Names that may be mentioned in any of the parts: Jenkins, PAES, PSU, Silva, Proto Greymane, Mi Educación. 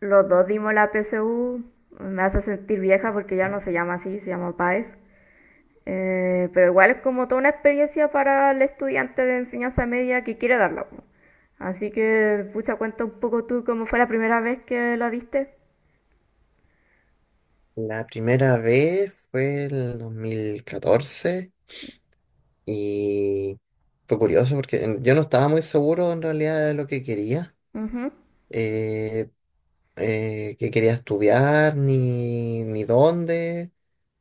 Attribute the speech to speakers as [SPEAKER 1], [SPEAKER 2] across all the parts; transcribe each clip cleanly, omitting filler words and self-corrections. [SPEAKER 1] Los dos dimos la PSU. Me hace sentir vieja porque ya no se llama así, se llama PAES. Pero igual es como toda una experiencia para el estudiante de enseñanza media que quiere darla. Así que, pucha, cuenta un poco tú cómo fue la primera vez que la diste.
[SPEAKER 2] La primera vez fue el 2014 y fue curioso porque yo no estaba muy seguro en realidad de lo
[SPEAKER 1] Ujú,
[SPEAKER 2] eh, que quería estudiar ni dónde,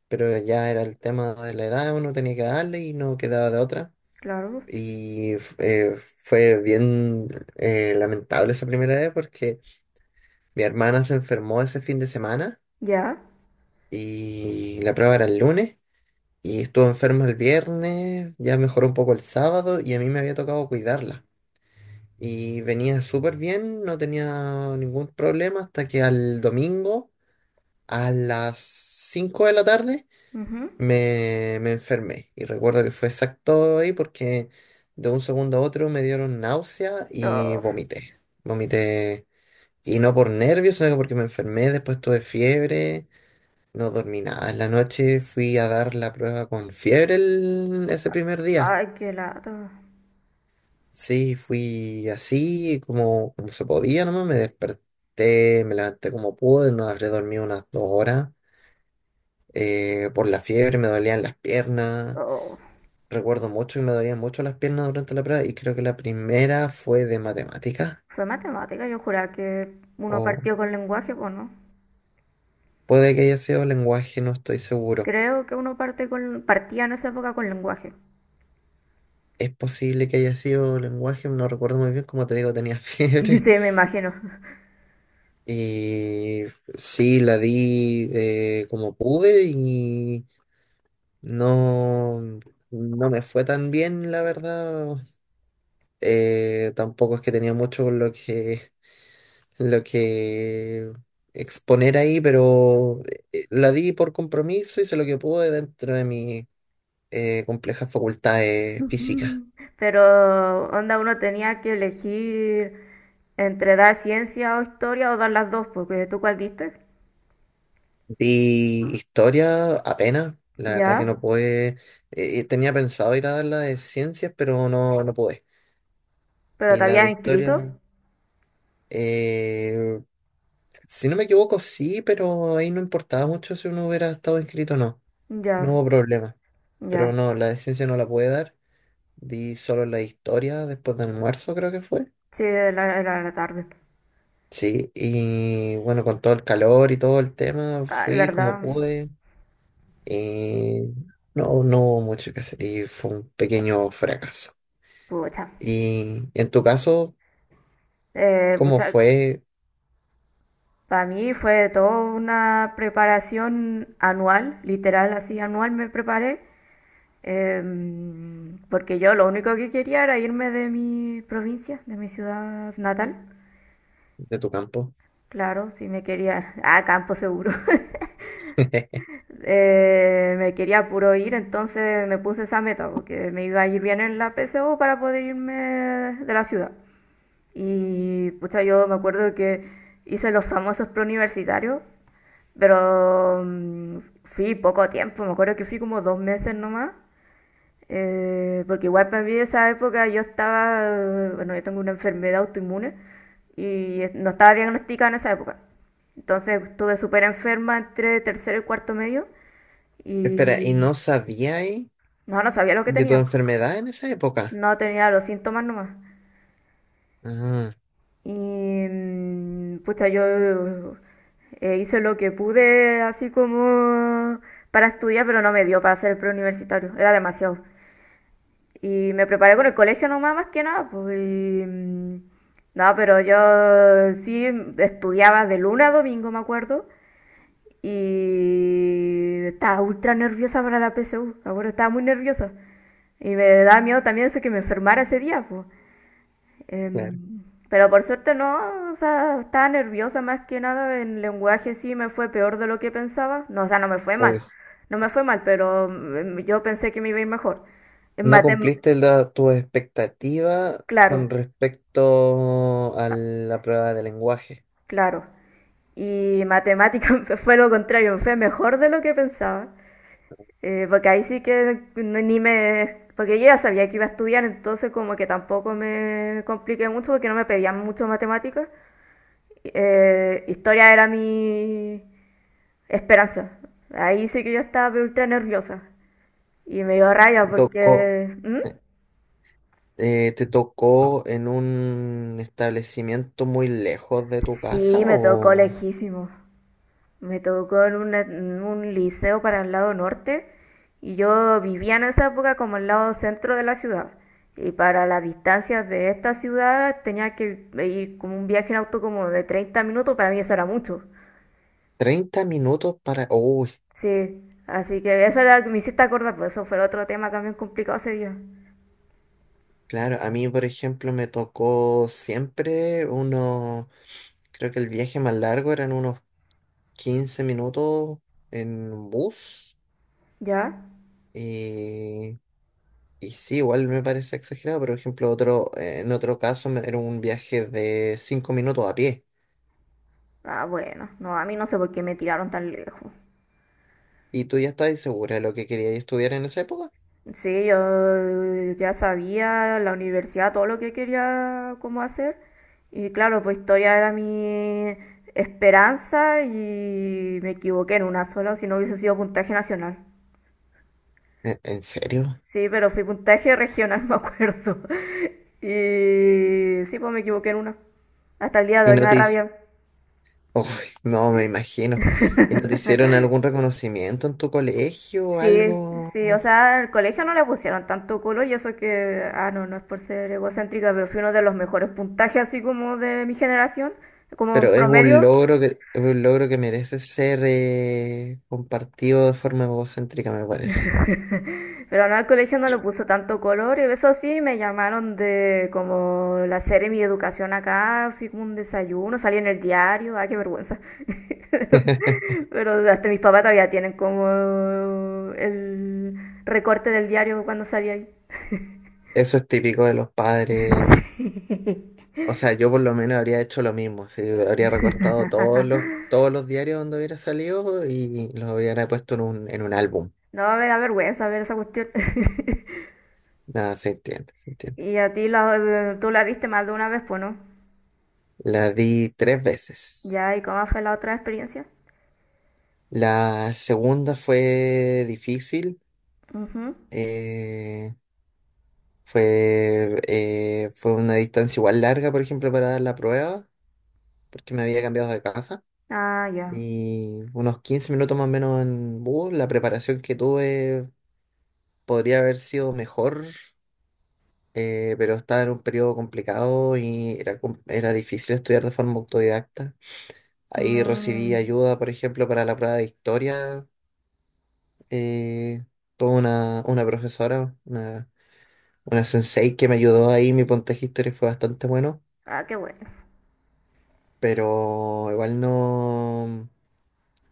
[SPEAKER 2] pero ya era el tema de la edad, uno tenía que darle y no quedaba de otra.
[SPEAKER 1] claro.
[SPEAKER 2] Y fue bien lamentable esa primera vez porque mi hermana se enfermó ese fin de semana
[SPEAKER 1] Ya.
[SPEAKER 2] y la prueba era el lunes. Y estuvo enferma el viernes, ya mejoró un poco el sábado y a mí me había tocado cuidarla. Y venía súper bien, no tenía ningún problema hasta que al domingo, a las 5 de la tarde,
[SPEAKER 1] Ujú.
[SPEAKER 2] me enfermé. Y recuerdo que fue exacto ahí porque de un segundo a otro me dieron náusea y
[SPEAKER 1] Oh,
[SPEAKER 2] vomité. Vomité, y no por nervios, sino que porque me enfermé, después tuve fiebre, no dormí nada. En la noche fui a dar la prueba con fiebre ese primer día.
[SPEAKER 1] ay, qué lata.
[SPEAKER 2] Sí, fui así como se podía nomás. Me desperté, me levanté como pude. No habré dormido unas 2 horas. Por la fiebre me dolían las piernas.
[SPEAKER 1] Oh,
[SPEAKER 2] Recuerdo mucho que me dolían mucho las piernas durante la prueba. Y creo que la primera fue de matemáticas.
[SPEAKER 1] fue matemática, yo juraba que uno
[SPEAKER 2] O
[SPEAKER 1] partió con lenguaje, pues no.
[SPEAKER 2] puede que haya sido lenguaje, no estoy seguro.
[SPEAKER 1] Creo que uno parte con, partía en esa época con lenguaje.
[SPEAKER 2] Es posible que haya sido lenguaje, no recuerdo muy bien. Como te digo, tenía fiebre.
[SPEAKER 1] Sí, me imagino.
[SPEAKER 2] Y sí, la vi como pude y no, no me fue tan bien, la verdad. Tampoco es que tenía mucho con lo que exponer ahí, pero la di por compromiso, hice lo que pude dentro de mis complejas facultades físicas.
[SPEAKER 1] Pero, onda, uno tenía que elegir entre dar ciencia o historia o dar las dos, porque tú cuál diste.
[SPEAKER 2] Di historia apenas, la verdad que
[SPEAKER 1] Ya,
[SPEAKER 2] no pude. Tenía pensado ir a dar la de ciencias, pero no, no pude.
[SPEAKER 1] pero
[SPEAKER 2] Y
[SPEAKER 1] te
[SPEAKER 2] la de
[SPEAKER 1] habías
[SPEAKER 2] historia,
[SPEAKER 1] inscrito.
[SPEAKER 2] eh, si no me equivoco, sí, pero ahí no importaba mucho si uno hubiera estado inscrito o no. No
[SPEAKER 1] Ya,
[SPEAKER 2] hubo problema. Pero
[SPEAKER 1] ya.
[SPEAKER 2] no, la de ciencia no la pude dar. Di solo la de historia después del almuerzo, creo que fue.
[SPEAKER 1] Sí, era, era la tarde.
[SPEAKER 2] Sí, y bueno, con todo el calor y todo el tema,
[SPEAKER 1] Ah,
[SPEAKER 2] fui como
[SPEAKER 1] ¿verdad?
[SPEAKER 2] pude. Y no, no hubo mucho que hacer y fue un pequeño fracaso.
[SPEAKER 1] Pucha.
[SPEAKER 2] Y en tu caso, ¿cómo
[SPEAKER 1] Pucha.
[SPEAKER 2] fue
[SPEAKER 1] Para mí fue toda una preparación anual, literal, así anual me preparé. Porque yo lo único que quería era irme de mi provincia, de mi ciudad natal.
[SPEAKER 2] de tu campo?
[SPEAKER 1] Claro, sí me quería, a campo seguro. Me quería puro ir, entonces me puse esa meta, porque me iba a ir bien en la PSU para poder irme de la ciudad. Y pucha, yo me acuerdo que hice los famosos preuniversitarios, pero fui poco tiempo, me acuerdo que fui como dos meses nomás, porque igual para mí esa época yo estaba, bueno, yo tengo una enfermedad autoinmune y no estaba diagnosticada en esa época. Entonces estuve súper enferma entre tercero y cuarto medio
[SPEAKER 2] Espera, ¿y
[SPEAKER 1] y
[SPEAKER 2] no sabíais?
[SPEAKER 1] no, no sabía lo que
[SPEAKER 2] ¿De tu
[SPEAKER 1] tenía.
[SPEAKER 2] enfermedad en esa época?
[SPEAKER 1] No tenía los síntomas nomás.
[SPEAKER 2] Ah,
[SPEAKER 1] Y pucha, yo hice lo que pude así como para estudiar, pero no me dio para hacer el preuniversitario. Era demasiado. Y me preparé con el colegio nomás, más que nada, pues. No, pero yo sí estudiaba de lunes a domingo, me acuerdo. Y estaba ultra nerviosa para la PSU, me acuerdo, estaba muy nerviosa. Y me daba miedo también eso que me enfermara ese día, pues.
[SPEAKER 2] claro.
[SPEAKER 1] Pero por suerte no, o sea, estaba nerviosa más que nada. En lenguaje sí me fue peor de lo que pensaba. No, o sea, no me fue
[SPEAKER 2] Uy,
[SPEAKER 1] mal. No me fue mal, pero yo pensé que me iba a ir mejor. En
[SPEAKER 2] no
[SPEAKER 1] matem,
[SPEAKER 2] cumpliste tu expectativa
[SPEAKER 1] claro.
[SPEAKER 2] con respecto a la prueba de lenguaje.
[SPEAKER 1] Claro. Y matemática fue lo contrario, fue mejor de lo que pensaba. Porque ahí sí que no- ni me... Porque yo ya sabía que iba a estudiar, entonces como que tampoco me compliqué mucho porque no me pedían mucho matemáticas. Historia era mi esperanza. Ahí sí que yo estaba pero ultra nerviosa. Y me dio rabia. Oh,
[SPEAKER 2] Te tocó,
[SPEAKER 1] porque... ¿Mm?
[SPEAKER 2] ¿Te tocó en un establecimiento muy lejos de tu casa
[SPEAKER 1] Sí, me tocó
[SPEAKER 2] o
[SPEAKER 1] lejísimo. Me tocó en, una- en un liceo para el lado norte y yo vivía en esa época como el lado centro de la ciudad. Y para las distancias de esta ciudad tenía que ir como un viaje en auto como de 30 minutos, para mí eso era mucho.
[SPEAKER 2] 30 minutos para? Uy,
[SPEAKER 1] Sí, así que eso era lo que me hiciste acordar, por eso fue el otro tema también complicado ese día.
[SPEAKER 2] claro, a mí, por ejemplo, me tocó siempre unos. Creo que el viaje más largo eran unos 15 minutos en bus.
[SPEAKER 1] ¿Ya?
[SPEAKER 2] Y Y sí, igual me parece exagerado, pero por ejemplo, otro, en otro caso era un viaje de 5 minutos a pie.
[SPEAKER 1] Ah, bueno, no, a mí no sé por qué me tiraron tan lejos.
[SPEAKER 2] ¿Y tú ya estabas segura de lo que querías estudiar en esa época?
[SPEAKER 1] Sí, yo ya sabía la universidad, todo lo que quería como hacer. Y claro, pues historia era mi esperanza y me equivoqué en una sola, si no hubiese sido puntaje nacional.
[SPEAKER 2] ¿En serio?
[SPEAKER 1] Sí, pero fui puntaje regional, me acuerdo. Y sí, pues me equivoqué en una. Hasta el día de
[SPEAKER 2] ¿Y
[SPEAKER 1] hoy me
[SPEAKER 2] no
[SPEAKER 1] da
[SPEAKER 2] te hici-?
[SPEAKER 1] rabia.
[SPEAKER 2] Uy, no, me imagino. ¿Y no te hicieron algún reconocimiento en tu colegio o
[SPEAKER 1] Sí,
[SPEAKER 2] algo?
[SPEAKER 1] sí, o sea, al colegio no le pusieron tanto color y eso que, ah, no, no es por ser egocéntrica, pero fui uno de los mejores puntajes así como de mi generación, como en
[SPEAKER 2] Pero
[SPEAKER 1] promedio,
[SPEAKER 2] es un logro que merece ser compartido de forma egocéntrica, me parece.
[SPEAKER 1] pero no, al colegio no le puso tanto color y eso sí, me llamaron de como la serie Mi Educación acá, fui como un desayuno, salí en el diario, ah, qué vergüenza. Pero hasta mis papás todavía tienen como el recorte del diario cuando salí ahí.
[SPEAKER 2] Eso es típico de los padres. O sea, yo por lo menos habría hecho lo mismo. Sí, habría recortado todos los diarios donde hubiera salido y los hubiera puesto en un álbum.
[SPEAKER 1] No, me da vergüenza ver esa cuestión.
[SPEAKER 2] Nada, se entiende, se entiende.
[SPEAKER 1] Y a ti la, tú la viste más de una vez, pues no.
[SPEAKER 2] La di tres veces.
[SPEAKER 1] Ya, ¿y cómo fue la otra experiencia?
[SPEAKER 2] La segunda fue difícil.
[SPEAKER 1] Ujú.
[SPEAKER 2] eh, fue una distancia igual larga, por ejemplo, para dar la prueba, porque me había cambiado de casa.
[SPEAKER 1] Ah, ya.
[SPEAKER 2] Y unos 15 minutos más o menos en bus. La preparación que tuve podría haber sido mejor, pero estaba en un periodo complicado y era difícil estudiar de forma autodidacta. Ahí recibí
[SPEAKER 1] Mm.
[SPEAKER 2] ayuda, por ejemplo, para la prueba de historia. eh, Tuve una profesora, una sensei que me ayudó ahí. Mi puntaje de historia fue bastante bueno,
[SPEAKER 1] Ah, qué bueno.
[SPEAKER 2] pero igual no,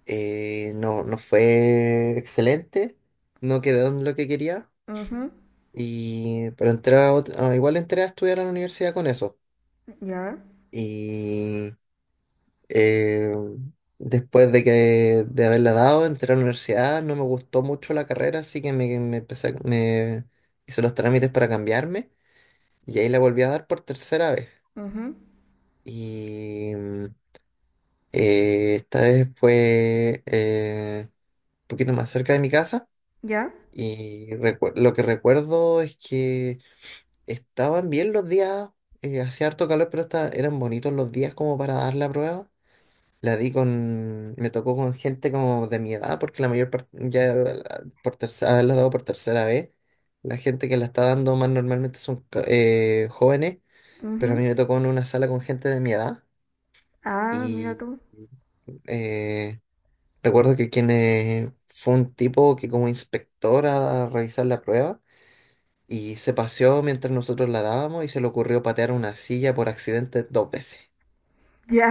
[SPEAKER 2] no fue excelente. No quedó en lo que quería.
[SPEAKER 1] Ujú.
[SPEAKER 2] Y, pero entré a ot- ah, Igual entré a estudiar a la universidad con eso.
[SPEAKER 1] Ya.
[SPEAKER 2] Y Eh, después de haberla dado, entré a la universidad, no me gustó mucho la carrera, así que me hice los trámites para cambiarme y ahí la volví a dar por tercera vez.
[SPEAKER 1] Ujú.
[SPEAKER 2] Y esta vez fue un poquito más cerca de mi casa
[SPEAKER 1] Ya.
[SPEAKER 2] y lo que recuerdo es que estaban bien los días, hacía harto calor, pero eran bonitos los días como para dar la prueba. Me tocó con gente como de mi edad, porque la mayor parte, por tercera, haberla dado por tercera vez, la gente que la está dando más normalmente son jóvenes, pero a
[SPEAKER 1] Ujú.
[SPEAKER 2] mí me tocó en una sala con gente de mi edad
[SPEAKER 1] Ah, mira
[SPEAKER 2] y
[SPEAKER 1] tú.
[SPEAKER 2] eh, recuerdo que quien fue un tipo que como inspector a revisar la prueba y se paseó mientras nosotros la dábamos y se le ocurrió patear una silla por accidente dos veces.
[SPEAKER 1] Ya.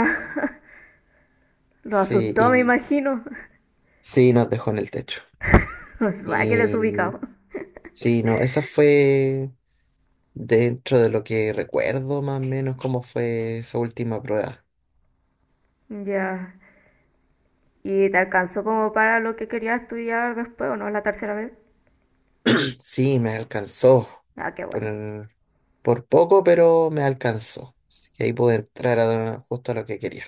[SPEAKER 1] Lo
[SPEAKER 2] Sí,
[SPEAKER 1] asustó, me
[SPEAKER 2] y
[SPEAKER 1] imagino.
[SPEAKER 2] sí, nos dejó en el techo.
[SPEAKER 1] Ah, qué
[SPEAKER 2] Y
[SPEAKER 1] desubicado.
[SPEAKER 2] sí, no, esa fue, dentro de lo que recuerdo, más o menos cómo fue esa última prueba.
[SPEAKER 1] Ya. ¿Y te alcanzó como para lo que querías estudiar después o no? La tercera vez.
[SPEAKER 2] Sí, me alcanzó.
[SPEAKER 1] Ah, qué
[SPEAKER 2] Por,
[SPEAKER 1] bueno.
[SPEAKER 2] por poco, pero me alcanzó. Así que ahí pude entrar justo a lo que quería.